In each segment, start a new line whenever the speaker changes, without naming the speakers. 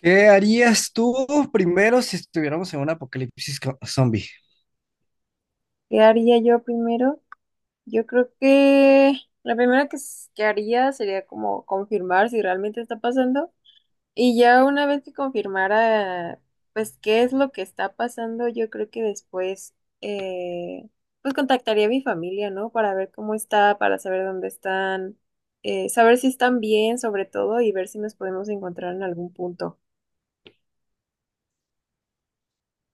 ¿Qué harías tú primero si estuviéramos en un apocalipsis zombie?
¿Qué haría yo primero? Yo creo que la primera que haría sería como confirmar si realmente está pasando. Y ya una vez que confirmara, pues, qué es lo que está pasando, yo creo que después, eh, pues, contactaría a mi familia, ¿no? Para ver cómo está, para saber dónde están, saber si están bien, sobre todo, y ver si nos podemos encontrar en algún punto.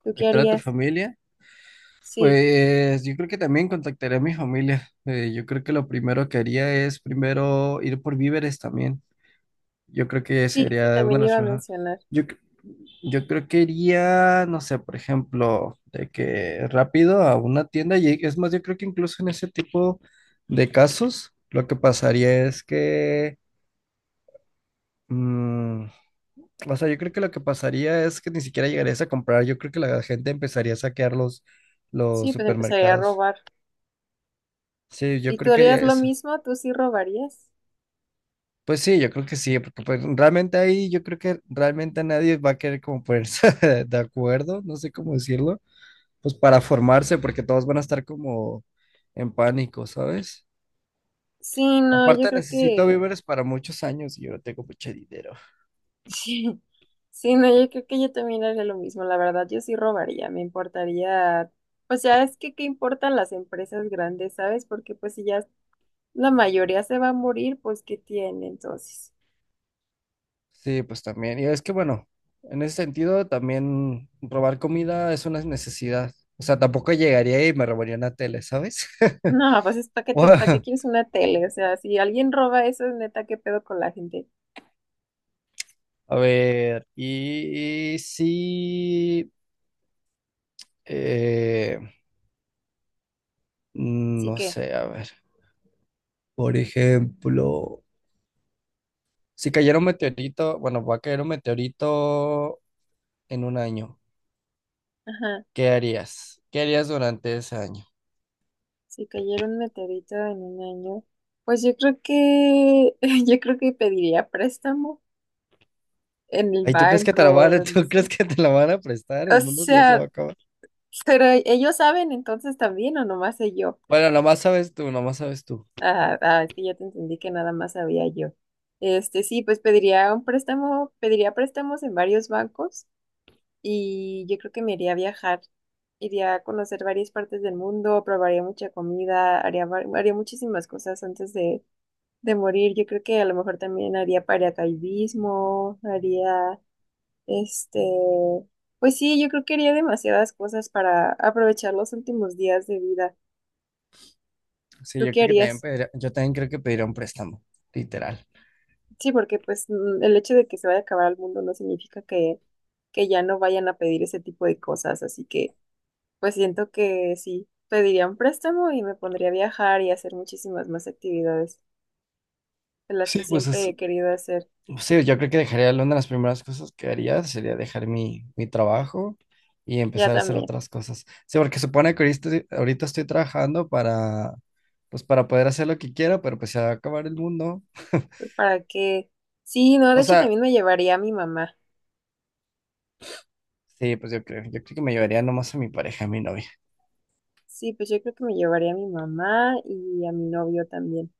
¿Tú qué
¿Contactar a tu
harías?
familia?
Sí,
Pues yo creo que también contactaré a mi familia. Yo creo que lo primero que haría es primero ir por víveres también. Yo creo que
sí, eso
sería una de
también
las
iba a
cosas.
mencionar.
Yo, cre- yo creo que iría, no sé, por ejemplo, de que rápido a una tienda y es más, yo creo que incluso en ese tipo de casos, lo que pasaría es que mm, o sea, yo creo que lo que pasaría es que ni siquiera llegarías a comprar. Yo creo que la gente empezaría a saquear los
Sí, pues empezaría a
supermercados.
robar.
Sí, yo
¿Y tú
creo que
harías
haría
lo
eso.
mismo? ¿Tú sí robarías?
Pues sí, yo creo que sí, porque pues realmente ahí yo creo que realmente nadie va a querer como ponerse de acuerdo, no sé cómo decirlo, pues para formarse, porque todos van a estar como en pánico, ¿sabes?
Sí, no, yo
Aparte
creo
necesito
que...
víveres para muchos años y yo no tengo mucho dinero.
Sí, sí, no, yo creo que yo también haría lo mismo. La verdad, yo sí robaría. Me importaría... Pues ya es que qué importan las empresas grandes, ¿sabes? Porque pues si ya la mayoría se va a morir, pues ¿qué tiene entonces?
Sí, pues también. Y es que bueno, en ese sentido también robar comida es una necesidad. O sea, tampoco llegaría y me robaría una tele, ¿sabes?
No, pues es para qué te,
Bueno,
pa qué quieres una tele. O sea, si alguien roba eso, es neta, qué pedo con la gente.
a ver, y sí, eh,
Sí
no
que,
sé, a ver, por ejemplo, si cayera un meteorito, bueno, va a caer un meteorito en un año,
ajá,
¿qué harías? ¿Qué harías durante ese año?
si cayera un meteorito en un año, pues yo creo que, yo creo que pediría préstamo en el
Ay, ¿tú crees que te
banco
la
o
van a,
donde
¿tú
sea.
crees que te la van a prestar?
O
El mundo ya se va
sea,
a acabar.
pero ellos saben entonces también o nomás sé yo.
Bueno, nomás sabes tú, nomás sabes tú.
Ah, ah, es que ya te entendí que nada más sabía yo. Sí, pues pediría un préstamo, pediría préstamos en varios bancos y yo creo que me iría a viajar. Iría a conocer varias partes del mundo, probaría mucha comida, haría muchísimas cosas antes de morir. Yo creo que a lo mejor también haría paracaidismo, haría Este, pues sí, yo creo que haría demasiadas cosas para aprovechar los últimos días de vida.
Sí,
¿Tú
yo
qué
creo que también
harías?
yo también creo que pediría un préstamo, literal.
Sí, porque pues mm, el hecho de que se vaya a acabar el mundo no significa que ya no vayan a pedir ese tipo de cosas, así que pues siento que sí, pediría un préstamo y me pondría a viajar y a hacer muchísimas más actividades de las
Sí,
que
pues
siempre
es,
he querido hacer,
sí, yo creo que dejaría una de las primeras cosas que haría sería dejar mi trabajo y
ya
empezar a hacer
también,
otras cosas. Sí, porque supone que ahorita, ahorita estoy trabajando para, pues para poder hacer lo que quiera, pero pues se va a acabar el mundo.
pues, para que, sí, no, de
O
hecho
sea,
también me llevaría a mi mamá.
sí, pues yo creo que me llevaría nomás a mi pareja, a mi novia.
Sí, pues yo creo que me llevaría a mi mamá y a mi novio también.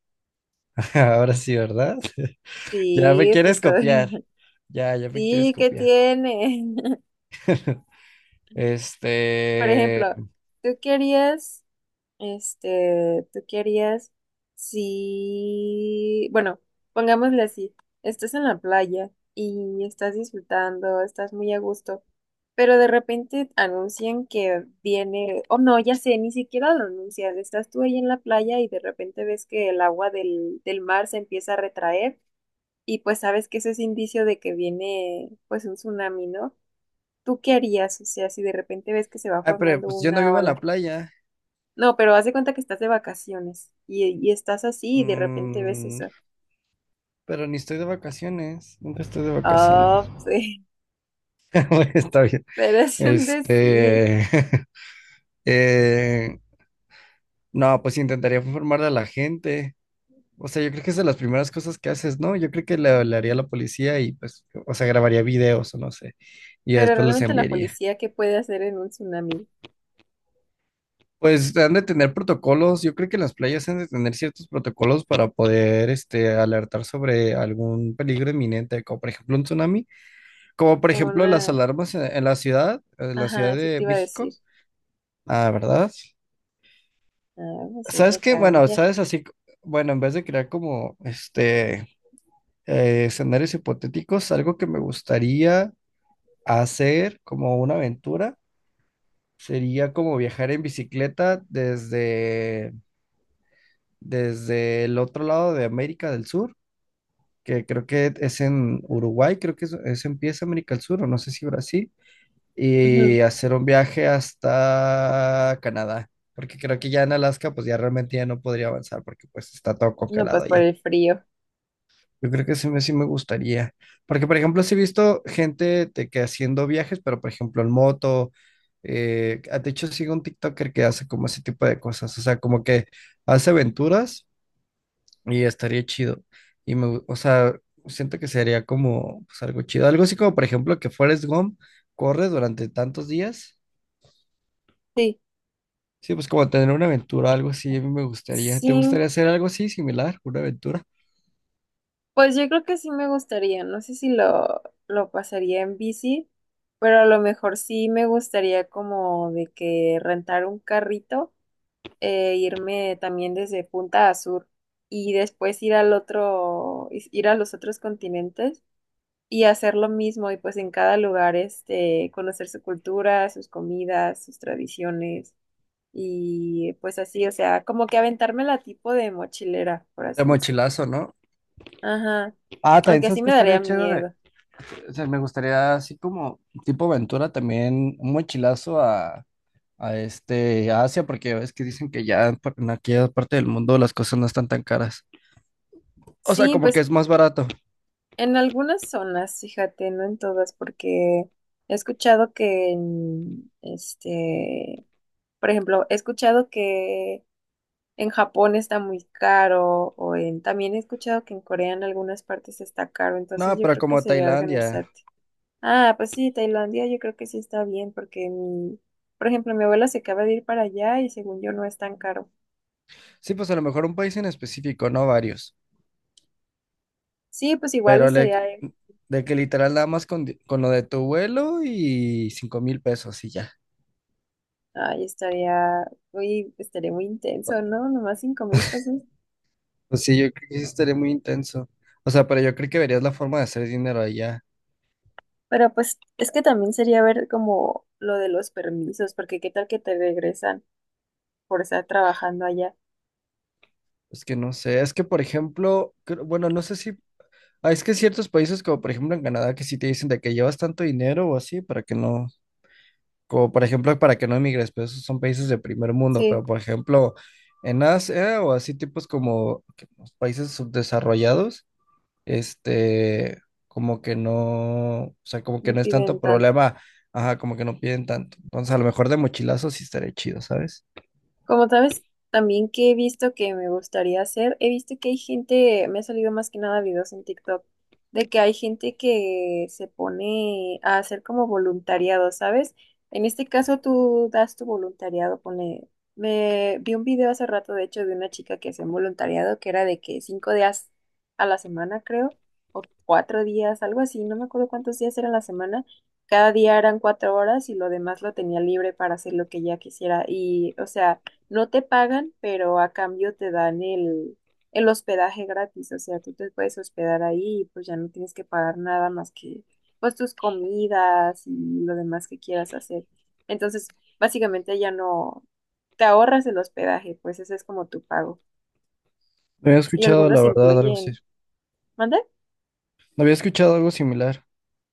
Ahora sí, ¿verdad? Ya me
Sí, pues
quieres
soy-
copiar. Ya me quieres
sí, ¿qué
copiar.
tiene? Por
Este.
ejemplo, tú querías, este, tú querías, sí, bueno, pongámosle así, estás en la playa y estás disfrutando, estás muy a gusto, pero de repente anuncian que viene, oh no, ya sé, ni siquiera lo anuncian, estás tú ahí en la playa y de repente ves que el agua del mar se empieza a retraer, y pues sabes que eso es indicio de que viene pues un tsunami, ¿no? ¿Tú qué harías? O sea, si de repente ves que se va
Ay, pero
formando
pues yo no
una
vivo en la
ola.
playa.
No, pero haz de cuenta que estás de vacaciones y estás así y de repente ves
Mm,
eso.
pero ni estoy de vacaciones. Nunca estoy de vacaciones.
Oh, sí,
Bueno, está bien.
pero es un decir.
Este. eh, no, pues intentaría informar a la gente. O sea, yo creo que es de las primeras cosas que haces, ¿no? Yo creo que hablaría a la policía y pues, o sea, grabaría videos o no sé. Y ya
Pero
después los
realmente la
enviaría.
policía, ¿qué puede hacer en un tsunami?
Pues han de tener protocolos, yo creo que las playas han de tener ciertos protocolos para poder este, alertar sobre algún peligro inminente, como por ejemplo un tsunami, como por
Como
ejemplo las
una...
alarmas en la
Ajá,
Ciudad
eso
de
te iba a decir.
México. Ah, ¿verdad?
Ah, pues
¿Sabes
ella
qué? Bueno,
cambia.
bueno, en vez de crear como este escenarios hipotéticos, algo que me gustaría hacer como una aventura sería como viajar en bicicleta desde el otro lado de América del Sur, que creo que es en Uruguay, creo que empieza América del Sur, o no sé si Brasil,
Ujú.
y hacer un viaje hasta Canadá, porque creo que ya en Alaska pues ya realmente ya no podría avanzar porque pues está todo
No,
congelado
pues por
allá.
el frío.
Yo creo que sí me gustaría, porque por ejemplo sí he visto gente de que haciendo viajes, pero por ejemplo en moto, de hecho sigo un TikToker que hace como ese tipo de cosas, o sea, como que hace aventuras y estaría chido. O sea, siento que sería como pues, algo chido. Algo así como, por ejemplo, que Forrest Gump corre durante tantos días.
Sí.
Sí, pues como tener una aventura, algo así, a mí me gustaría. ¿Te
Sí,
gustaría hacer algo así similar? Una aventura.
pues yo creo que sí me gustaría, no sé si lo pasaría en bici, pero a lo mejor sí me gustaría como de que rentar un carrito, irme también desde punta a sur y después ir a los otros continentes y hacer lo mismo y pues en cada lugar este, conocer su cultura, sus comidas, sus tradiciones y pues así, o sea, como que aventarme la tipo de mochilera, por
De
así decirlo.
mochilazo, ¿no?
Ajá.
Ah, también
Aunque sí
sabes que
me
estaría
daría
chido de,
miedo.
o sea, me gustaría así como tipo aventura también, un mochilazo a este a Asia, porque ya ves que dicen que ya en aquella parte del mundo las cosas no están tan caras. O sea,
Sí,
como que
pues
es más barato.
en algunas zonas, fíjate, no en todas, porque he escuchado que en, este, por ejemplo, he escuchado que en Japón está muy caro, o en, también he escuchado que en Corea en algunas partes está caro, entonces
No,
yo
pero
creo que
como
sería
Tailandia.
organizarte. Ah, pues sí, Tailandia yo creo que sí está bien, porque mi, por ejemplo, mi abuela se acaba de ir para allá y según yo no es tan caro.
Sí, pues a lo mejor un país en específico, no varios.
Sí, pues igual
Pero le-
estaría.
de que literal nada más con lo de tu vuelo y 5,000 pesos y ya.
Ay, estaría muy intenso, ¿no? Nomás 5,000 pesos.
Pues sí, yo creo que sí estaría muy intenso. O sea, pero yo creo que verías la forma de hacer dinero allá.
Pero pues es que también sería ver como lo de los permisos, porque qué tal que te regresan por estar trabajando allá.
Es que no sé, es que por ejemplo, bueno, no sé si, ah, es que ciertos países como por ejemplo en Canadá que sí te dicen de que llevas tanto dinero o así para que no. Como por ejemplo, para que no emigres, pero esos son países de primer mundo,
Sí,
pero por ejemplo, en Asia o así tipos como que los países subdesarrollados, este, como que no, o sea, como que
no
no es
piden
tanto
tanto.
problema, ajá, como que no piden tanto. Entonces, a lo mejor de mochilazo sí estaría chido, ¿sabes?
Como sabes, también que he visto que me gustaría hacer, he visto que hay gente, me ha salido más que nada videos en TikTok, de que hay gente que se pone a hacer como voluntariado, ¿sabes? En este caso tú das tu voluntariado, pone, me vi un video hace rato, de hecho, de una chica que hacía un voluntariado que era de que 5 días a la semana, creo, o 4 días, algo así, no me acuerdo cuántos días eran la semana. Cada día eran 4 horas y lo demás lo tenía libre para hacer lo que ella quisiera. Y, o sea, no te pagan, pero a cambio te dan el hospedaje gratis. O sea, tú te puedes hospedar ahí y pues ya no tienes que pagar nada más que pues tus comidas y lo demás que quieras hacer. Entonces, básicamente ya no te ahorras el hospedaje, pues ese es como tu pago.
No había
Y
escuchado,
algunos
la verdad, algo así.
incluyen, ¿mande?
No había escuchado algo similar.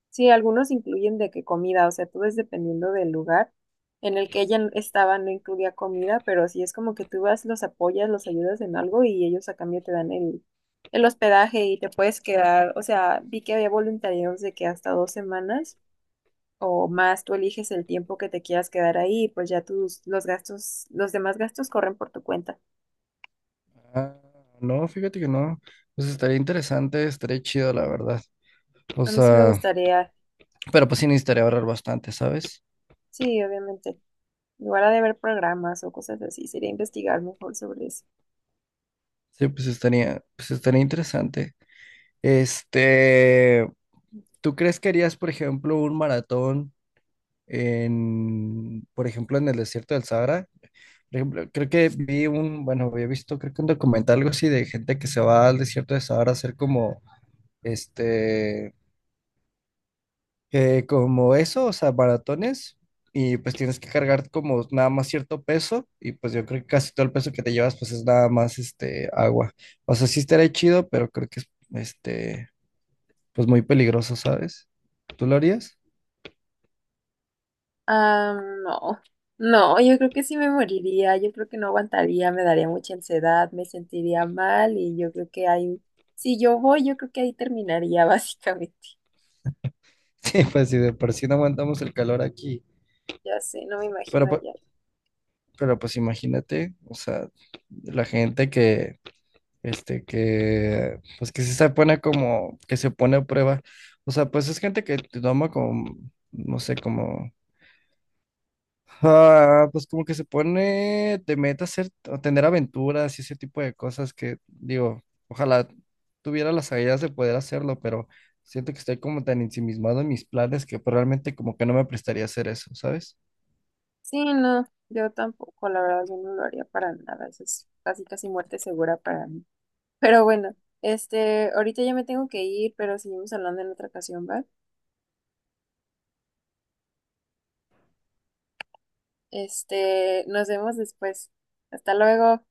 Sí, algunos incluyen de que comida, o sea, todo es dependiendo del lugar en el que ella estaba, no incluía comida, pero sí es como que tú vas, los apoyas, los ayudas en algo y ellos a cambio te dan el hospedaje y te puedes quedar, o sea, vi que había voluntariados de que hasta 2 semanas o más tú eliges el tiempo que te quieras quedar ahí, pues ya tus, los gastos, los demás gastos corren por tu cuenta.
Ah, no, fíjate que no. Pues estaría interesante, estaría chido, la verdad. O
A mí sí me
sea,
gustaría,
pero pues sí necesitaría ahorrar bastante, ¿sabes?
sí, obviamente, igual lugar de ver programas o cosas así, sería investigar mejor sobre eso.
Sí, pues estaría interesante. Este, ¿tú crees que harías, por ejemplo, un maratón en, por ejemplo, en el desierto del Sahara? Por ejemplo, creo que vi un, bueno, había visto, creo que un documental, algo así, de gente que se va al desierto del Sahara a hacer como, este, como eso, o sea, maratones, y pues tienes que cargar como nada más cierto peso, y pues yo creo que casi todo el peso que te llevas pues es nada más este agua. O sea, sí estaría chido, pero creo que es este, pues muy peligroso, ¿sabes? ¿Tú lo harías?
Ah, no, no, yo creo que sí me moriría, yo creo que no aguantaría, me daría mucha ansiedad, me sentiría mal y yo creo que ahí, si yo voy, yo creo que ahí terminaría básicamente.
Sí, pues si de por sí no aguantamos el calor aquí,
Ya sé, no me imagino
pero, pu-
allá.
pero pues imagínate, o sea, la gente que, este, que, pues que sí se pone como, que se pone a prueba, o sea, pues es gente que te toma como, no sé, como. Ah, pues como que se pone de meta hacer, o tener aventuras y ese tipo de cosas que digo, ojalá tuviera las ideas de poder hacerlo, pero siento que estoy como tan ensimismado en mis planes que pues, realmente como que no me prestaría a hacer eso, ¿sabes?
Sí, no, yo tampoco, la verdad, yo no lo haría para nada, eso es casi casi muerte segura para mí. Pero bueno, este, ahorita ya me tengo que ir, pero seguimos hablando en otra ocasión, ¿va? Este, nos vemos después. Hasta luego.